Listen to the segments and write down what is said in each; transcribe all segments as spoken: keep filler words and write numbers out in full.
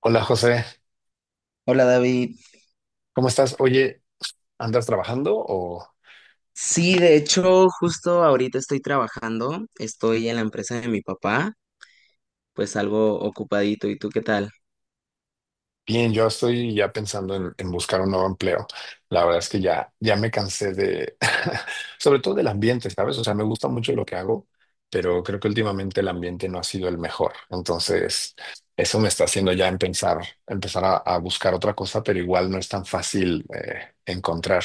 Hola José, Hola David. ¿cómo estás? Oye, ¿andas trabajando o Sí, de hecho, justo ahorita estoy trabajando, estoy en la empresa de mi papá, pues algo ocupadito. ¿Y tú qué tal? bien? Yo estoy ya pensando en, en buscar un nuevo empleo. La verdad es que ya, ya me cansé de, sobre todo del ambiente, ¿sabes? O sea, me gusta mucho lo que hago, pero creo que últimamente el ambiente no ha sido el mejor. Entonces, eso me está haciendo ya en pensar, empezar a, a buscar otra cosa, pero igual no es tan fácil eh, encontrar.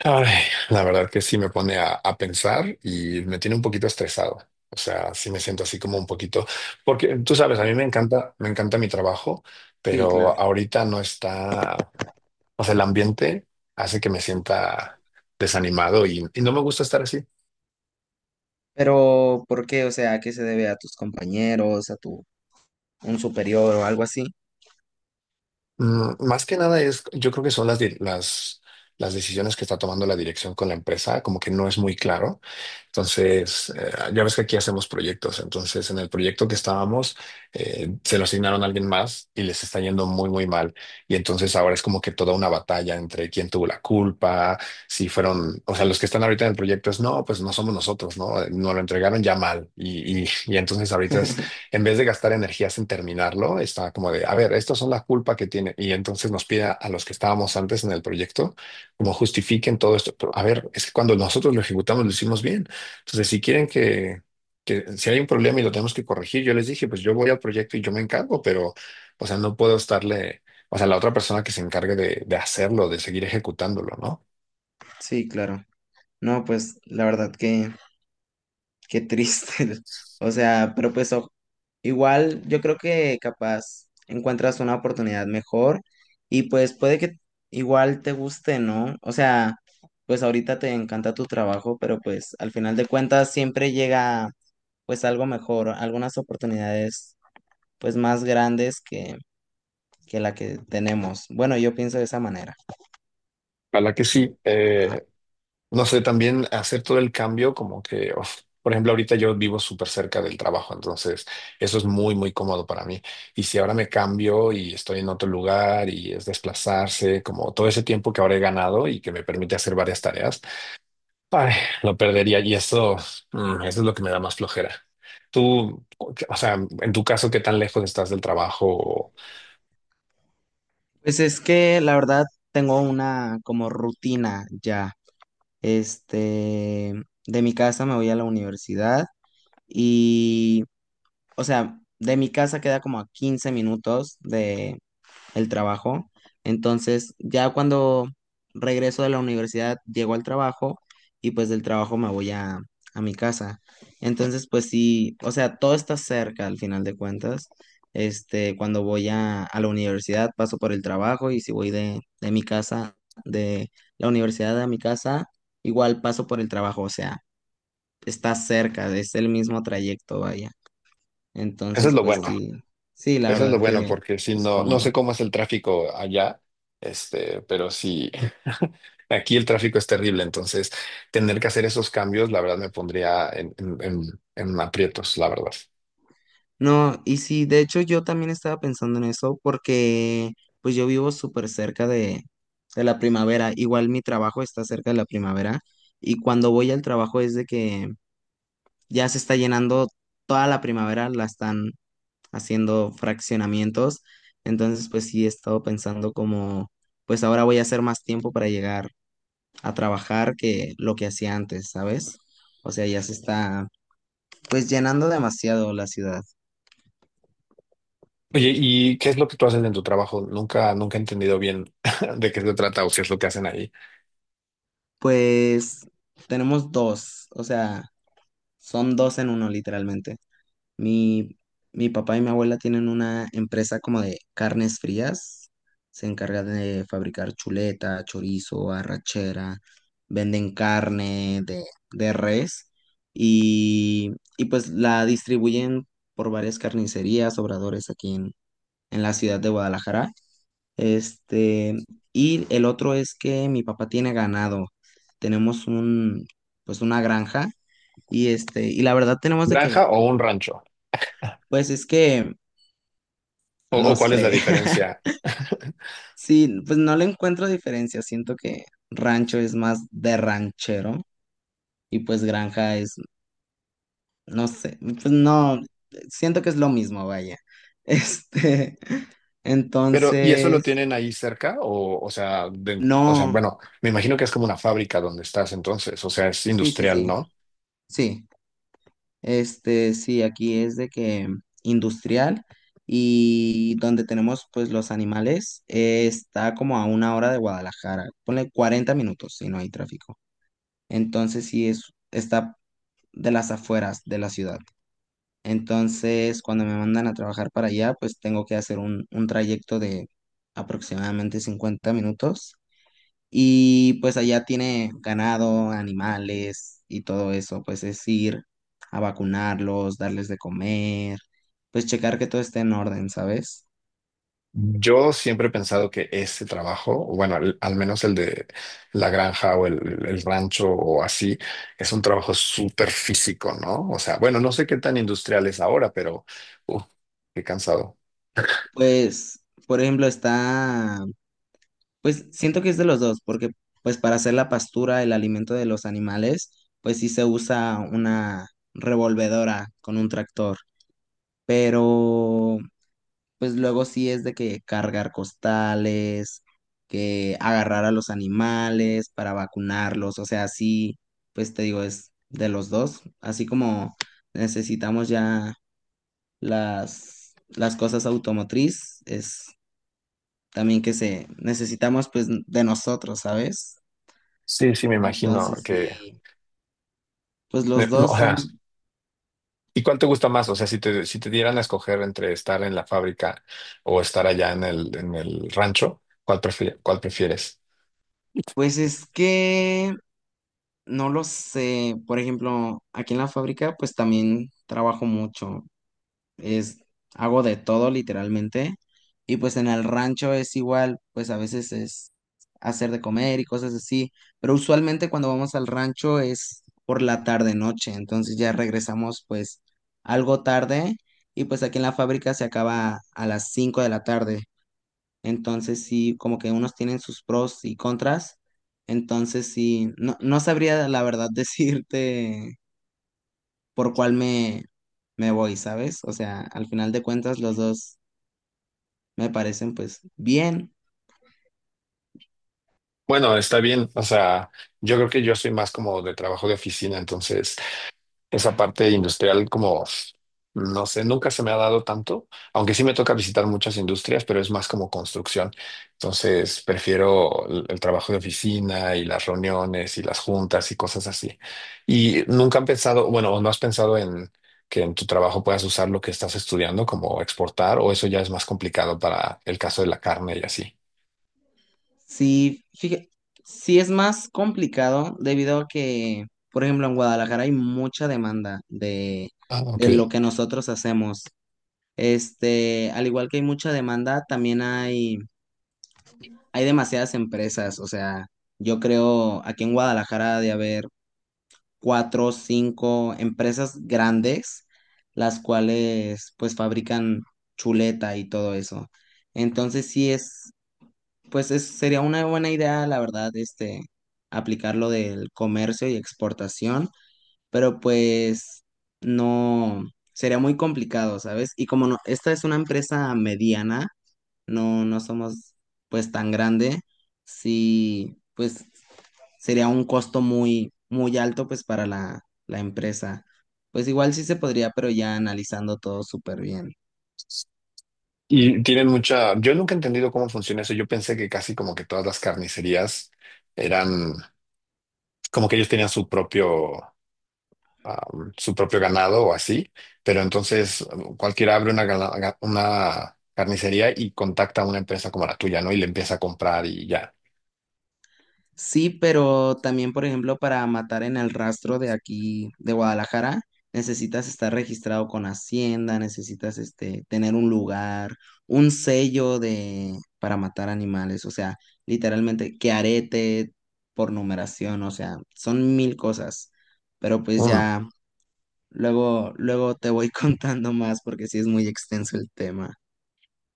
Ay, la verdad que sí me pone a, a pensar y me tiene un poquito estresado. O sea, sí me siento así como un poquito, porque tú sabes, a mí me encanta, me encanta mi trabajo, Sí, claro. pero ahorita no está, o sea, el ambiente hace que me sienta desanimado y, y no me gusta estar así. Pero, ¿por qué? O sea, ¿a qué se debe a tus compañeros, a tu un superior o algo así? Mm, más que nada es, yo creo que son las, di- las, las, decisiones que está tomando la dirección con la empresa, como que no es muy claro. Entonces, eh, ya ves que aquí hacemos proyectos. Entonces, en el proyecto que estábamos, eh, se lo asignaron a alguien más y les está yendo muy, muy mal. Y entonces ahora es como que toda una batalla entre quién tuvo la culpa, si fueron, o sea, los que están ahorita en el proyecto es, no, pues no somos nosotros, ¿no? Nos lo entregaron ya mal. Y, y, y entonces ahorita es, en vez de gastar energías en terminarlo, está como de, a ver, estas son la culpa que tiene. Y entonces nos pide a los que estábamos antes en el proyecto, como justifiquen todo esto. Pero, a ver, es que cuando nosotros lo ejecutamos lo hicimos bien. Entonces, si quieren que, que si hay un problema y lo tenemos que corregir, yo les dije, pues yo voy al proyecto y yo me encargo, pero, o sea, no puedo estarle, o sea, la otra persona que se encargue de, de hacerlo, de seguir ejecutándolo, ¿no? Sí, claro. No, pues la verdad que qué triste. O sea, pero pues o- igual yo creo que capaz encuentras una oportunidad mejor y pues puede que igual te guste, ¿no? O sea, pues ahorita te encanta tu trabajo, pero pues al final de cuentas siempre llega pues algo mejor, algunas oportunidades pues más grandes que, que la que tenemos. Bueno, yo pienso de esa manera. Para que sí, eh, no sé, también hacer todo el cambio, como que, uf, por ejemplo, ahorita yo vivo súper cerca del trabajo, entonces eso es muy, muy cómodo para mí. Y si ahora me cambio y estoy en otro lugar y es desplazarse, como todo ese tiempo que ahora he ganado y que me permite hacer varias tareas. Ay, lo perdería y eso, mm, eso es lo que me da más flojera. Tú, o sea, en tu caso, ¿qué tan lejos estás del trabajo? Pues es que la verdad tengo una como rutina ya. Este, de mi casa me voy a la universidad y, o sea, de mi casa queda como a quince minutos el trabajo. Entonces, ya cuando regreso de la universidad, llego al trabajo y pues del trabajo me voy a, a mi casa. Entonces, pues sí, o sea, todo está cerca al final de cuentas. Este, cuando voy a, a la universidad, paso por el trabajo y si voy de, de mi casa, de la universidad a mi casa, igual paso por el trabajo, o sea, está cerca, es el mismo trayecto, vaya. Eso es Entonces, lo pues bueno, sí, sí, la eso es lo verdad bueno, que porque si es no, no sé cómodo. cómo es el tráfico allá, este, pero sí, aquí el tráfico es terrible, entonces tener que hacer esos cambios, la verdad, me pondría en, en, en, en aprietos, la verdad. No, y sí, de hecho yo también estaba pensando en eso porque pues yo vivo súper cerca de, de la primavera, igual mi trabajo está cerca de la primavera y cuando voy al trabajo es de que ya se está llenando toda la primavera, la están haciendo fraccionamientos, entonces pues sí he estado pensando como pues ahora voy a hacer más tiempo para llegar a trabajar que lo que hacía antes, ¿sabes? O sea, ya se está pues llenando demasiado la ciudad. Oye, ¿y qué es lo que tú haces en tu trabajo? Nunca, nunca he entendido bien de qué se trata o qué es lo que hacen ahí. Pues tenemos dos, o sea, son dos en uno literalmente. Mi, mi papá y mi abuela tienen una empresa como de carnes frías, se encargan de fabricar chuleta, chorizo, arrachera, venden carne de, de res y, y pues la distribuyen por varias carnicerías, obradores aquí en, en la ciudad de Guadalajara. Este, y el otro es que mi papá tiene ganado. Tenemos un, pues una granja y este, y la verdad tenemos de que, ¿Granja o un rancho? pues es que, O, o no cuál es la sé, diferencia. sí, pues no le encuentro diferencia. Siento que rancho es más de ranchero y pues granja es, no sé, pues no, siento que es lo mismo, vaya. Este, Pero, ¿y eso lo entonces, tienen ahí cerca? O, o sea, de- o sea, no, bueno, me imagino que es como una fábrica donde estás entonces, o sea, es sí, sí, sí, industrial, ¿no? sí. Este, sí, aquí es de que industrial y donde tenemos pues los animales eh, está como a una hora de Guadalajara. Ponle cuarenta minutos si no hay tráfico. Entonces sí es, está de las afueras de la ciudad. Entonces cuando me mandan a trabajar para allá pues tengo que hacer un, un trayecto de aproximadamente cincuenta minutos y pues allá tiene ganado, animales y todo eso, pues es ir a vacunarlos, darles de comer, pues checar que todo esté en orden, ¿sabes? Yo siempre he pensado que ese trabajo, o bueno, al, al menos el de la granja o el, el rancho o así, es un trabajo súper físico, ¿no? O sea, bueno, no sé qué tan industrial es ahora, pero, uf, qué cansado. Pues, por ejemplo, está, pues siento que es de los dos, porque pues para hacer la pastura, el alimento de los animales, pues sí se usa una revolvedora con un tractor, pero pues luego sí es de que cargar costales, que agarrar a los animales para vacunarlos, o sea, sí, pues te digo, es de los dos, así como necesitamos ya las, las cosas automotriz, es también que se necesitamos pues de nosotros, ¿sabes? Sí, sí, me imagino Entonces que, sí, pues me- los no, dos o sea, son, ¿y cuál te gusta más? O sea, si te, si te dieran a escoger entre estar en la fábrica o estar allá en el, en el rancho, ¿cuál prefi- cuál prefieres? pues es que... No lo sé. Por ejemplo, aquí en la fábrica, pues también trabajo mucho. Es, hago de todo literalmente. Y pues en el rancho es igual, pues a veces es hacer de comer y cosas así, pero usualmente cuando vamos al rancho es por la tarde noche, entonces ya regresamos pues algo tarde y pues aquí en la fábrica se acaba a las cinco de la tarde, entonces sí, como que unos tienen sus pros y contras, entonces sí, no, no sabría la verdad decirte por cuál me, me voy, ¿sabes? O sea, al final de cuentas los dos me parecen pues bien. Bueno, está bien. O sea, yo creo que yo soy más como de trabajo de oficina, entonces esa parte industrial como, no sé, nunca se me ha dado tanto, aunque sí me toca visitar muchas industrias, pero es más como construcción. Entonces, prefiero el, el trabajo de oficina y las reuniones y las juntas y cosas así. ¿Y nunca han pensado, bueno, o no has pensado en que en tu trabajo puedas usar lo que estás estudiando como exportar o eso ya es más complicado para el caso de la carne y así? Sí, fíjate, sí es más complicado debido a que, por ejemplo, en Guadalajara hay mucha demanda de, Ah, ok. de lo que nosotros hacemos. Este, al igual que hay mucha demanda, también hay, hay demasiadas empresas. O sea, yo creo aquí en Guadalajara ha de haber cuatro o cinco empresas grandes, las cuales pues fabrican chuleta y todo eso. Entonces sí es, pues es, sería una buena idea, la verdad, este, aplicar lo del comercio y exportación, pero pues no, sería muy complicado, ¿sabes? Y como no, esta es una empresa mediana, no, no somos pues tan grande, sí, pues sería un costo muy, muy alto pues para la, la empresa. Pues igual sí se podría, pero ya analizando todo súper bien. Y tienen mucha, yo nunca he entendido cómo funciona eso. Yo pensé que casi como que todas las carnicerías eran como que ellos tenían su propio, am, su propio ganado o así, pero entonces um, cualquiera abre una, gala- ga- una carnicería y contacta a una empresa como la tuya, ¿no? Y le empieza a comprar y ya. Sí, pero también, por ejemplo, para matar en el rastro de aquí, de Guadalajara, necesitas estar registrado con Hacienda, necesitas este, tener un lugar, un sello de, para matar animales, o sea, literalmente, que arete por numeración, o sea, son mil cosas, pero pues Mm, ya, luego, luego te voy contando más porque sí es muy extenso el tema.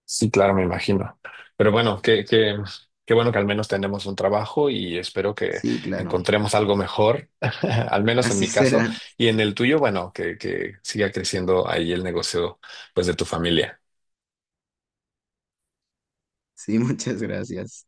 sí, claro, me imagino. Pero bueno, qué, qué, qué bueno que al menos tenemos un trabajo y espero que Sí, claro, encontremos algo mejor, al menos en así mi caso, será. y en el tuyo, bueno, que, que siga creciendo ahí el negocio, pues, de tu familia. Sí, muchas gracias.